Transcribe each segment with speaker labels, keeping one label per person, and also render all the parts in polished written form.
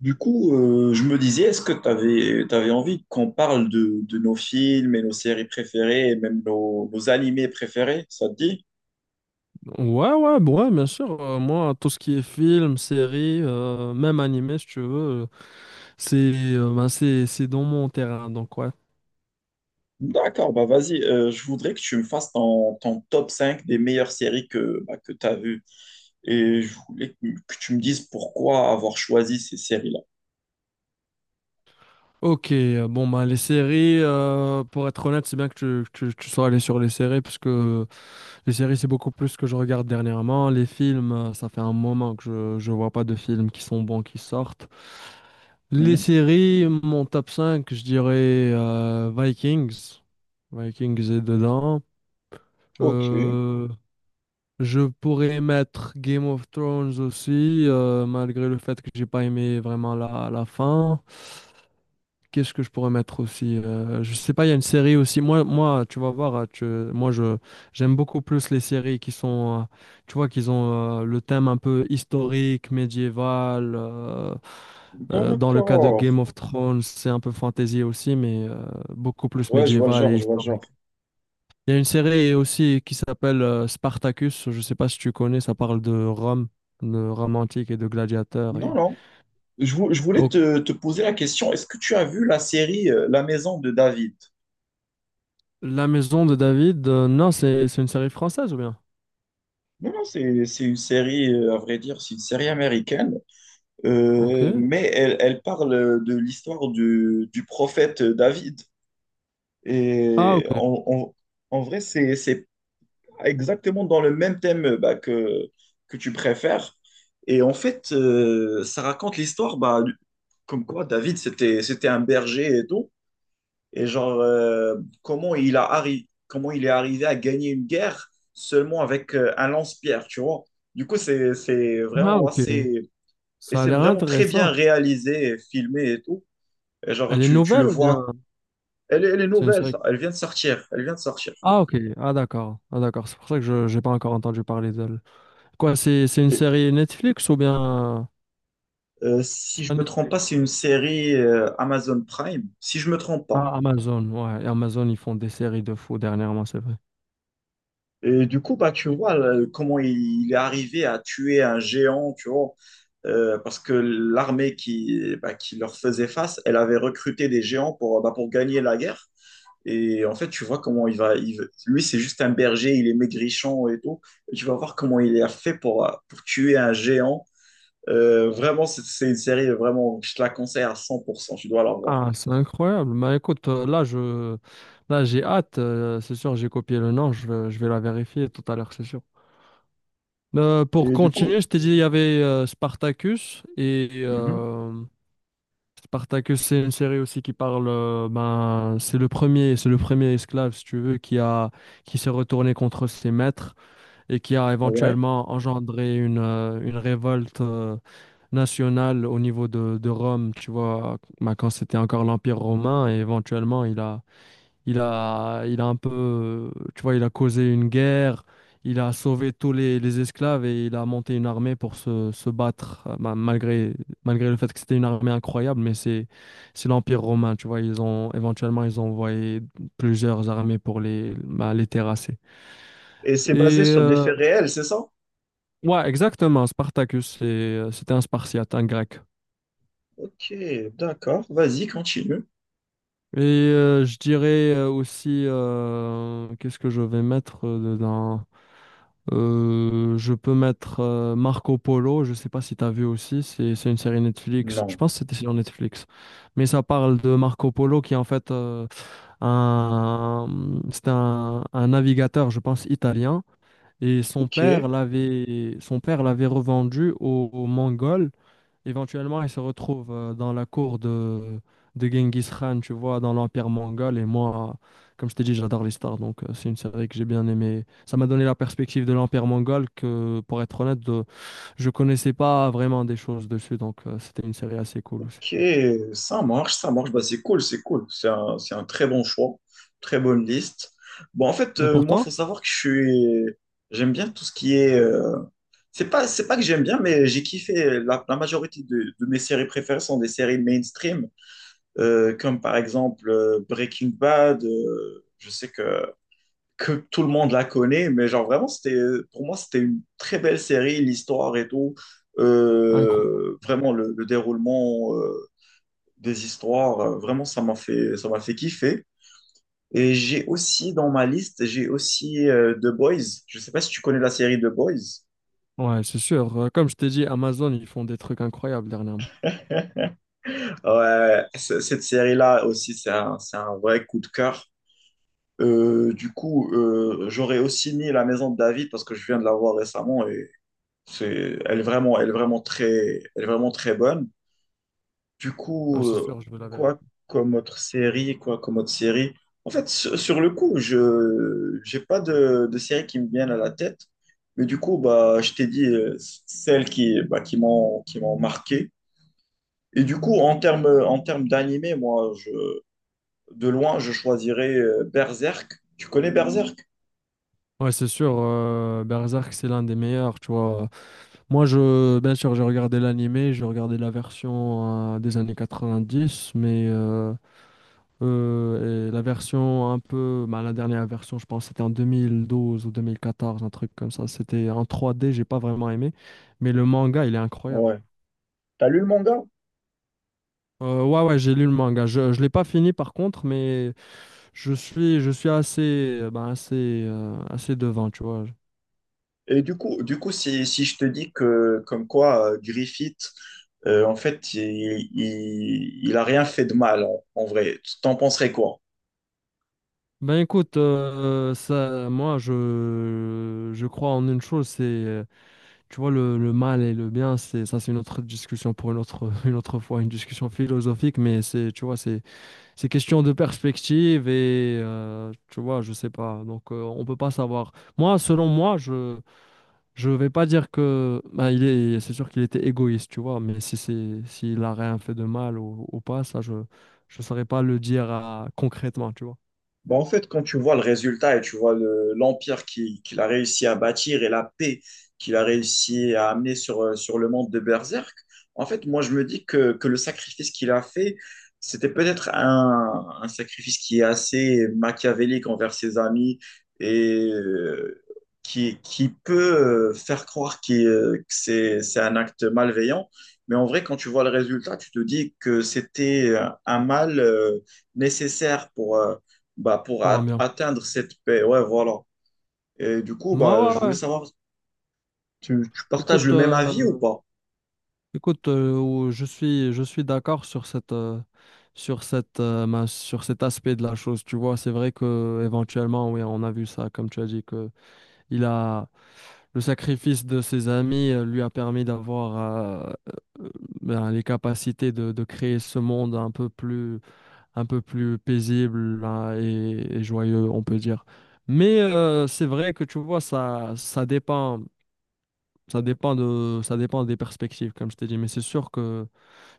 Speaker 1: Je me disais, est-ce que tu avais envie qu'on parle de nos films et nos séries préférées, et même nos animés préférés? Ça te dit?
Speaker 2: Ouais, ouais, bon, ouais, bien sûr. Moi, tout ce qui est film, série, même animé, si tu veux, c'est ben, c'est dans mon terrain, donc ouais.
Speaker 1: D'accord, bah vas-y, je voudrais que tu me fasses ton top 5 des meilleures séries que, que tu as vues. Et je voulais que tu me dises pourquoi avoir choisi ces séries-là.
Speaker 2: Ok, bon, ben, les séries, pour être honnête, c'est bien que tu sois allé sur les séries, parce que les séries, c'est beaucoup plus ce que je regarde dernièrement. Les films, ça fait un moment que je vois pas de films qui sont bons, qui sortent. Les
Speaker 1: Mhm.
Speaker 2: séries, mon top 5, je dirais Vikings. Vikings est dedans.
Speaker 1: Ok,
Speaker 2: Euh, Je pourrais mettre Game of Thrones aussi, malgré le fait que j'ai pas aimé vraiment la fin. Qu'est-ce que je pourrais mettre aussi? Je sais pas, il y a une série aussi. Moi, tu vas voir, hein, tu- moi je j'aime beaucoup plus les séries qui sont, tu vois, qu'ils ont le thème un peu historique, médiéval. Dans le cas de
Speaker 1: d'accord.
Speaker 2: Game of Thrones, c'est un peu fantasy aussi, mais beaucoup plus
Speaker 1: Ouais, je vois le
Speaker 2: médiéval
Speaker 1: genre,
Speaker 2: et
Speaker 1: je vois le
Speaker 2: historique.
Speaker 1: genre.
Speaker 2: Il y a une série aussi qui s'appelle Spartacus. Je ne sais pas si tu connais, ça parle de Rome antique et de gladiateurs.
Speaker 1: Non,
Speaker 2: Et...
Speaker 1: non. Je voulais
Speaker 2: Oh,
Speaker 1: te poser la question: est-ce que tu as vu la série La Maison de David?
Speaker 2: La Maison de David, non, c'est une série française ou bien?
Speaker 1: Non, non, c'est une série, à vrai dire, c'est une série américaine,
Speaker 2: Ok.
Speaker 1: mais elle, elle parle de l'histoire du prophète David.
Speaker 2: Ah,
Speaker 1: Et
Speaker 2: ok.
Speaker 1: en, en- En vrai, c'est pas exactement dans le même thème que tu préfères. Et en fait, ça raconte l'histoire, comme quoi David, c'était un berger et tout. Et genre, comment il est arrivé à gagner une guerre seulement avec un lance-pierre, tu vois? Du coup, c'est
Speaker 2: Ah,
Speaker 1: vraiment
Speaker 2: ok.
Speaker 1: assez... Et
Speaker 2: Ça a
Speaker 1: c'est
Speaker 2: l'air
Speaker 1: vraiment très bien
Speaker 2: intéressant.
Speaker 1: réalisé, et filmé et tout. Et genre,
Speaker 2: Elle est
Speaker 1: tu le
Speaker 2: nouvelle ou bien
Speaker 1: vois. Elle est
Speaker 2: c'est une
Speaker 1: nouvelle,
Speaker 2: série?
Speaker 1: ça. Elle vient de sortir. Elle vient de sortir.
Speaker 2: Ah, ok. Ah, d'accord. Ah, d'accord. C'est pour ça que je n'ai pas encore entendu parler d'elle. Quoi, c'est une
Speaker 1: Et,
Speaker 2: série Netflix ou bien... C'est
Speaker 1: Si je
Speaker 2: pas
Speaker 1: me trompe
Speaker 2: Netflix.
Speaker 1: pas, c'est une série Amazon Prime. Si je me trompe pas.
Speaker 2: Ah, Amazon. Ouais, et Amazon, ils font des séries de fous dernièrement, c'est vrai.
Speaker 1: Et du coup, bah, tu vois comment il est arrivé à tuer un géant, tu vois, parce que l'armée qui, bah, qui leur faisait face, elle avait recruté des géants pour, bah, pour gagner la guerre. Et en fait, tu vois comment lui, c'est juste un berger, il est maigrichon et tout. Et tu vas voir comment il a fait pour tuer un géant. Vraiment, c'est une série, vraiment, je te la conseille à 100%, tu dois la voir.
Speaker 2: Ah, c'est incroyable. Mais écoute, là, j'ai hâte. C'est sûr, j'ai copié le nom. Je vais la vérifier tout à l'heure, c'est sûr. Pour
Speaker 1: Et du coup,
Speaker 2: continuer, je t'ai dit, il y avait Spartacus. Et
Speaker 1: mhm,
Speaker 2: Spartacus, c'est une série aussi qui parle. Ben, c'est le premier esclave, si tu veux, qui s'est retourné contre ses maîtres et qui a
Speaker 1: ouais.
Speaker 2: éventuellement engendré une révolte nationale au niveau de Rome, tu vois, ben, quand c'était encore l'Empire romain. Et éventuellement, il a un peu, tu vois, il a causé une guerre, il a sauvé tous les esclaves et il a monté une armée pour se battre, malgré le fait que c'était une armée incroyable, mais c'est l'Empire romain, tu vois, ils ont, éventuellement, ils ont envoyé plusieurs armées pour les, bah, les terrasser.
Speaker 1: Et c'est basé
Speaker 2: Et,
Speaker 1: sur des
Speaker 2: euh,
Speaker 1: faits réels, c'est ça?
Speaker 2: ouais, exactement, Spartacus, c'était un Spartiate, un grec.
Speaker 1: Ok, d'accord, vas-y, continue.
Speaker 2: Et je dirais aussi, qu'est-ce que je vais mettre dedans? Je peux mettre Marco Polo, je sais pas si tu as vu aussi, c'est une série Netflix, je
Speaker 1: Non.
Speaker 2: pense que c'était sur Netflix, mais ça parle de Marco Polo qui est en fait un, c'est un navigateur, je pense, italien, et
Speaker 1: Ok,
Speaker 2: son père l'avait revendu aux, aux Mongols. Éventuellement, il se retrouve dans la cour de Genghis Khan, tu vois, dans l'Empire mongol. Et moi, comme je t'ai dit, j'adore les stars. Donc, c'est une série que j'ai bien aimée. Ça m'a donné la perspective de l'Empire mongol que, pour être honnête, je connaissais pas vraiment des choses dessus. Donc, c'était une série assez cool aussi.
Speaker 1: ok, ça marche, ça marche. Bah, c'est cool, c'est cool. C'est un très bon choix, très bonne liste. Bon, en fait,
Speaker 2: Et pour
Speaker 1: moi,
Speaker 2: toi?
Speaker 1: faut savoir que je suis, j'aime bien tout ce qui est. C'est pas que j'aime bien, mais j'ai kiffé. La majorité de mes séries préférées sont des séries mainstream, comme par exemple Breaking Bad. Je sais que tout le monde la connaît, mais genre vraiment, c'était, pour moi, c'était une très belle série, l'histoire et tout.
Speaker 2: Incroyable.
Speaker 1: Vraiment, le déroulement des histoires, vraiment, ça m'a fait kiffer. Et j'ai aussi dans ma liste, j'ai aussi The Boys. Je sais pas si tu connais la série The Boys.
Speaker 2: Ouais, c'est sûr. Comme je t'ai dit, Amazon, ils font des trucs incroyables dernièrement.
Speaker 1: Ouais, cette série-là aussi, c'est un vrai coup de cœur. J'aurais aussi mis La Maison de David parce que je viens de la voir récemment et elle est vraiment très, elle est vraiment très bonne. Du
Speaker 2: Non,
Speaker 1: coup,
Speaker 2: c'est sûr, je veux la
Speaker 1: quoi
Speaker 2: vérité.
Speaker 1: comme autre série, quoi comme autre série. En fait, sur, sur le coup, j'ai pas de série qui me viennent à la tête. Mais du coup, bah, je t'ai dit celles qui, bah, qui m'ont marqué. Et du coup, en termes d'animé, de loin, je choisirais Berserk. Tu connais Berserk?
Speaker 2: Ouais, c'est sûr. Berserk, c'est l'un des meilleurs, tu vois. Moi, bien sûr, j'ai regardé l'animé, j'ai regardé la version des années 90, mais et la version un peu, bah, la dernière version, je pense, c'était en 2012 ou 2014, un truc comme ça. C'était en trois d, j'ai pas vraiment aimé, mais le manga, il est incroyable.
Speaker 1: Ouais. T'as lu le manga?
Speaker 2: Ouais, j'ai lu le manga. Je l'ai pas fini par contre, mais je suis assez, ben, assez, assez devant, tu vois.
Speaker 1: Et du coup, si je te dis que, comme quoi, Griffith, en fait, il a rien fait de mal, en vrai, t'en penserais quoi?
Speaker 2: Ben écoute, je crois en une chose, c'est: tu vois, le mal et le bien, c'est ça, c'est une autre discussion pour une autre, une autre fois, une discussion philosophique, mais c'est question de perspective et tu vois, je sais pas. Donc, on peut pas savoir. Moi, selon moi, je vais pas dire que bah, c'est sûr qu'il était égoïste, tu vois, mais si c'est s'il a rien fait de mal ou pas, ça, je saurais pas le dire concrètement, tu vois,
Speaker 1: Bah, en fait, quand tu vois le résultat et tu vois l'empire qu'il a réussi à bâtir et la paix qu'il a réussi à amener sur, sur le monde de Berserk, en fait, moi, je me dis que le sacrifice qu'il a fait, c'était peut-être un sacrifice qui est assez machiavélique envers ses amis et qui peut faire croire que c'est un acte malveillant. Mais en vrai, quand tu vois le résultat, tu te dis que c'était un mal nécessaire pour... pour
Speaker 2: pour un bien.
Speaker 1: atteindre cette paix. Ouais, voilà. Et du coup,
Speaker 2: Moi,
Speaker 1: bah, je
Speaker 2: ouais, ouais,
Speaker 1: voulais
Speaker 2: ouais.
Speaker 1: savoir, tu partages
Speaker 2: Écoute,
Speaker 1: le même avis ou
Speaker 2: euh,
Speaker 1: pas?
Speaker 2: Je suis, je suis d'accord sur cette, sur cet aspect de la chose. Tu vois, c'est vrai que éventuellement, oui, on a vu ça, comme tu as dit, que il a le sacrifice de ses amis lui a permis d'avoir euh, euh, ben, les capacités de créer ce monde un peu plus paisible hein, et joyeux, on peut dire. Mais c'est vrai que tu vois, ça dépend. Ça dépend des perspectives, comme je t'ai dit, mais c'est sûr que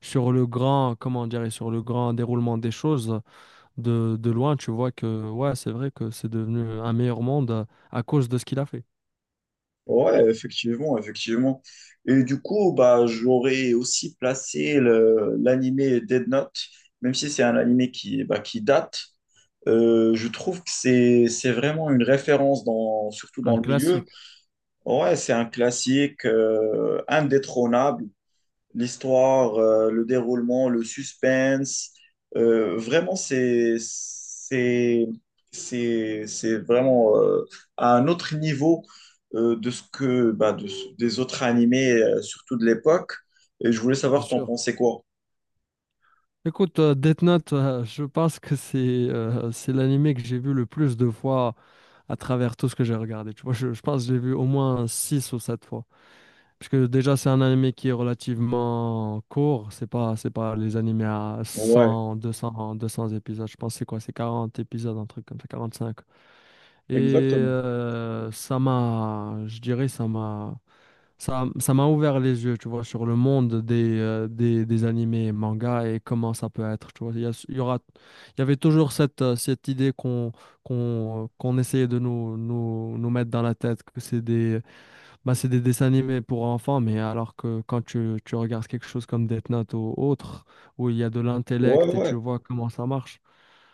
Speaker 2: sur le grand, comment dire, et sur le grand déroulement des choses, de loin, tu vois que, ouais, c'est vrai que c'est devenu un meilleur monde à cause de ce qu'il a fait.
Speaker 1: Ouais, effectivement, effectivement. Et du coup, bah, j'aurais aussi placé l'animé Dead Note, même si c'est un animé qui, bah, qui date. Je trouve que c'est vraiment une référence, dans, surtout dans
Speaker 2: Un
Speaker 1: le milieu.
Speaker 2: classique,
Speaker 1: Ouais, c'est un classique indétrônable. L'histoire, le déroulement, le suspense. Vraiment, c'est vraiment à un autre niveau de ce que, bah, des autres animés, surtout de l'époque. Et je voulais
Speaker 2: c'est
Speaker 1: savoir, t'en
Speaker 2: sûr.
Speaker 1: pensais quoi?
Speaker 2: Écoute, Death Note, je pense que c'est l'anime que j'ai vu le plus de fois à travers tout ce que j'ai regardé. Tu vois, je pense que j'ai vu au moins 6 ou 7 fois. Parce que déjà, c'est un animé qui est relativement court. C'est pas les animés à
Speaker 1: Ouais,
Speaker 2: cent deux cents 200 épisodes. Je pense que c'est quoi? C'est 40 épisodes, un truc comme ça, 45. Et
Speaker 1: exactement.
Speaker 2: je dirais, ça m'a ouvert les yeux, tu vois, sur le monde des, des animés et mangas et comment ça peut être, tu vois. Il y a- il y aura, Il y avait toujours cette, cette idée qu'on essayait de nous mettre dans la tête que c'est des bah, c'est des dessins animés pour enfants, mais alors que quand tu regardes quelque chose comme Death Note ou autre, où il y a de
Speaker 1: Ouais,
Speaker 2: l'intellect et tu
Speaker 1: ouais.
Speaker 2: vois comment ça marche,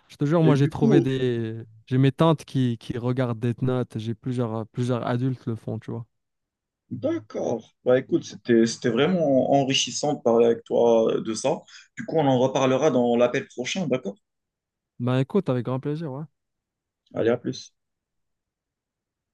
Speaker 2: je te jure,
Speaker 1: Et
Speaker 2: moi j'ai
Speaker 1: du
Speaker 2: trouvé
Speaker 1: coup,
Speaker 2: des... J'ai mes tantes qui regardent Death Note, j'ai plusieurs adultes le font, tu vois.
Speaker 1: d'accord. Bah écoute, c'était vraiment enrichissant de parler avec toi de ça. Du coup, on en reparlera dans l'appel prochain, d'accord?
Speaker 2: Bah écoute, avec grand plaisir, ouais.
Speaker 1: Allez, à plus.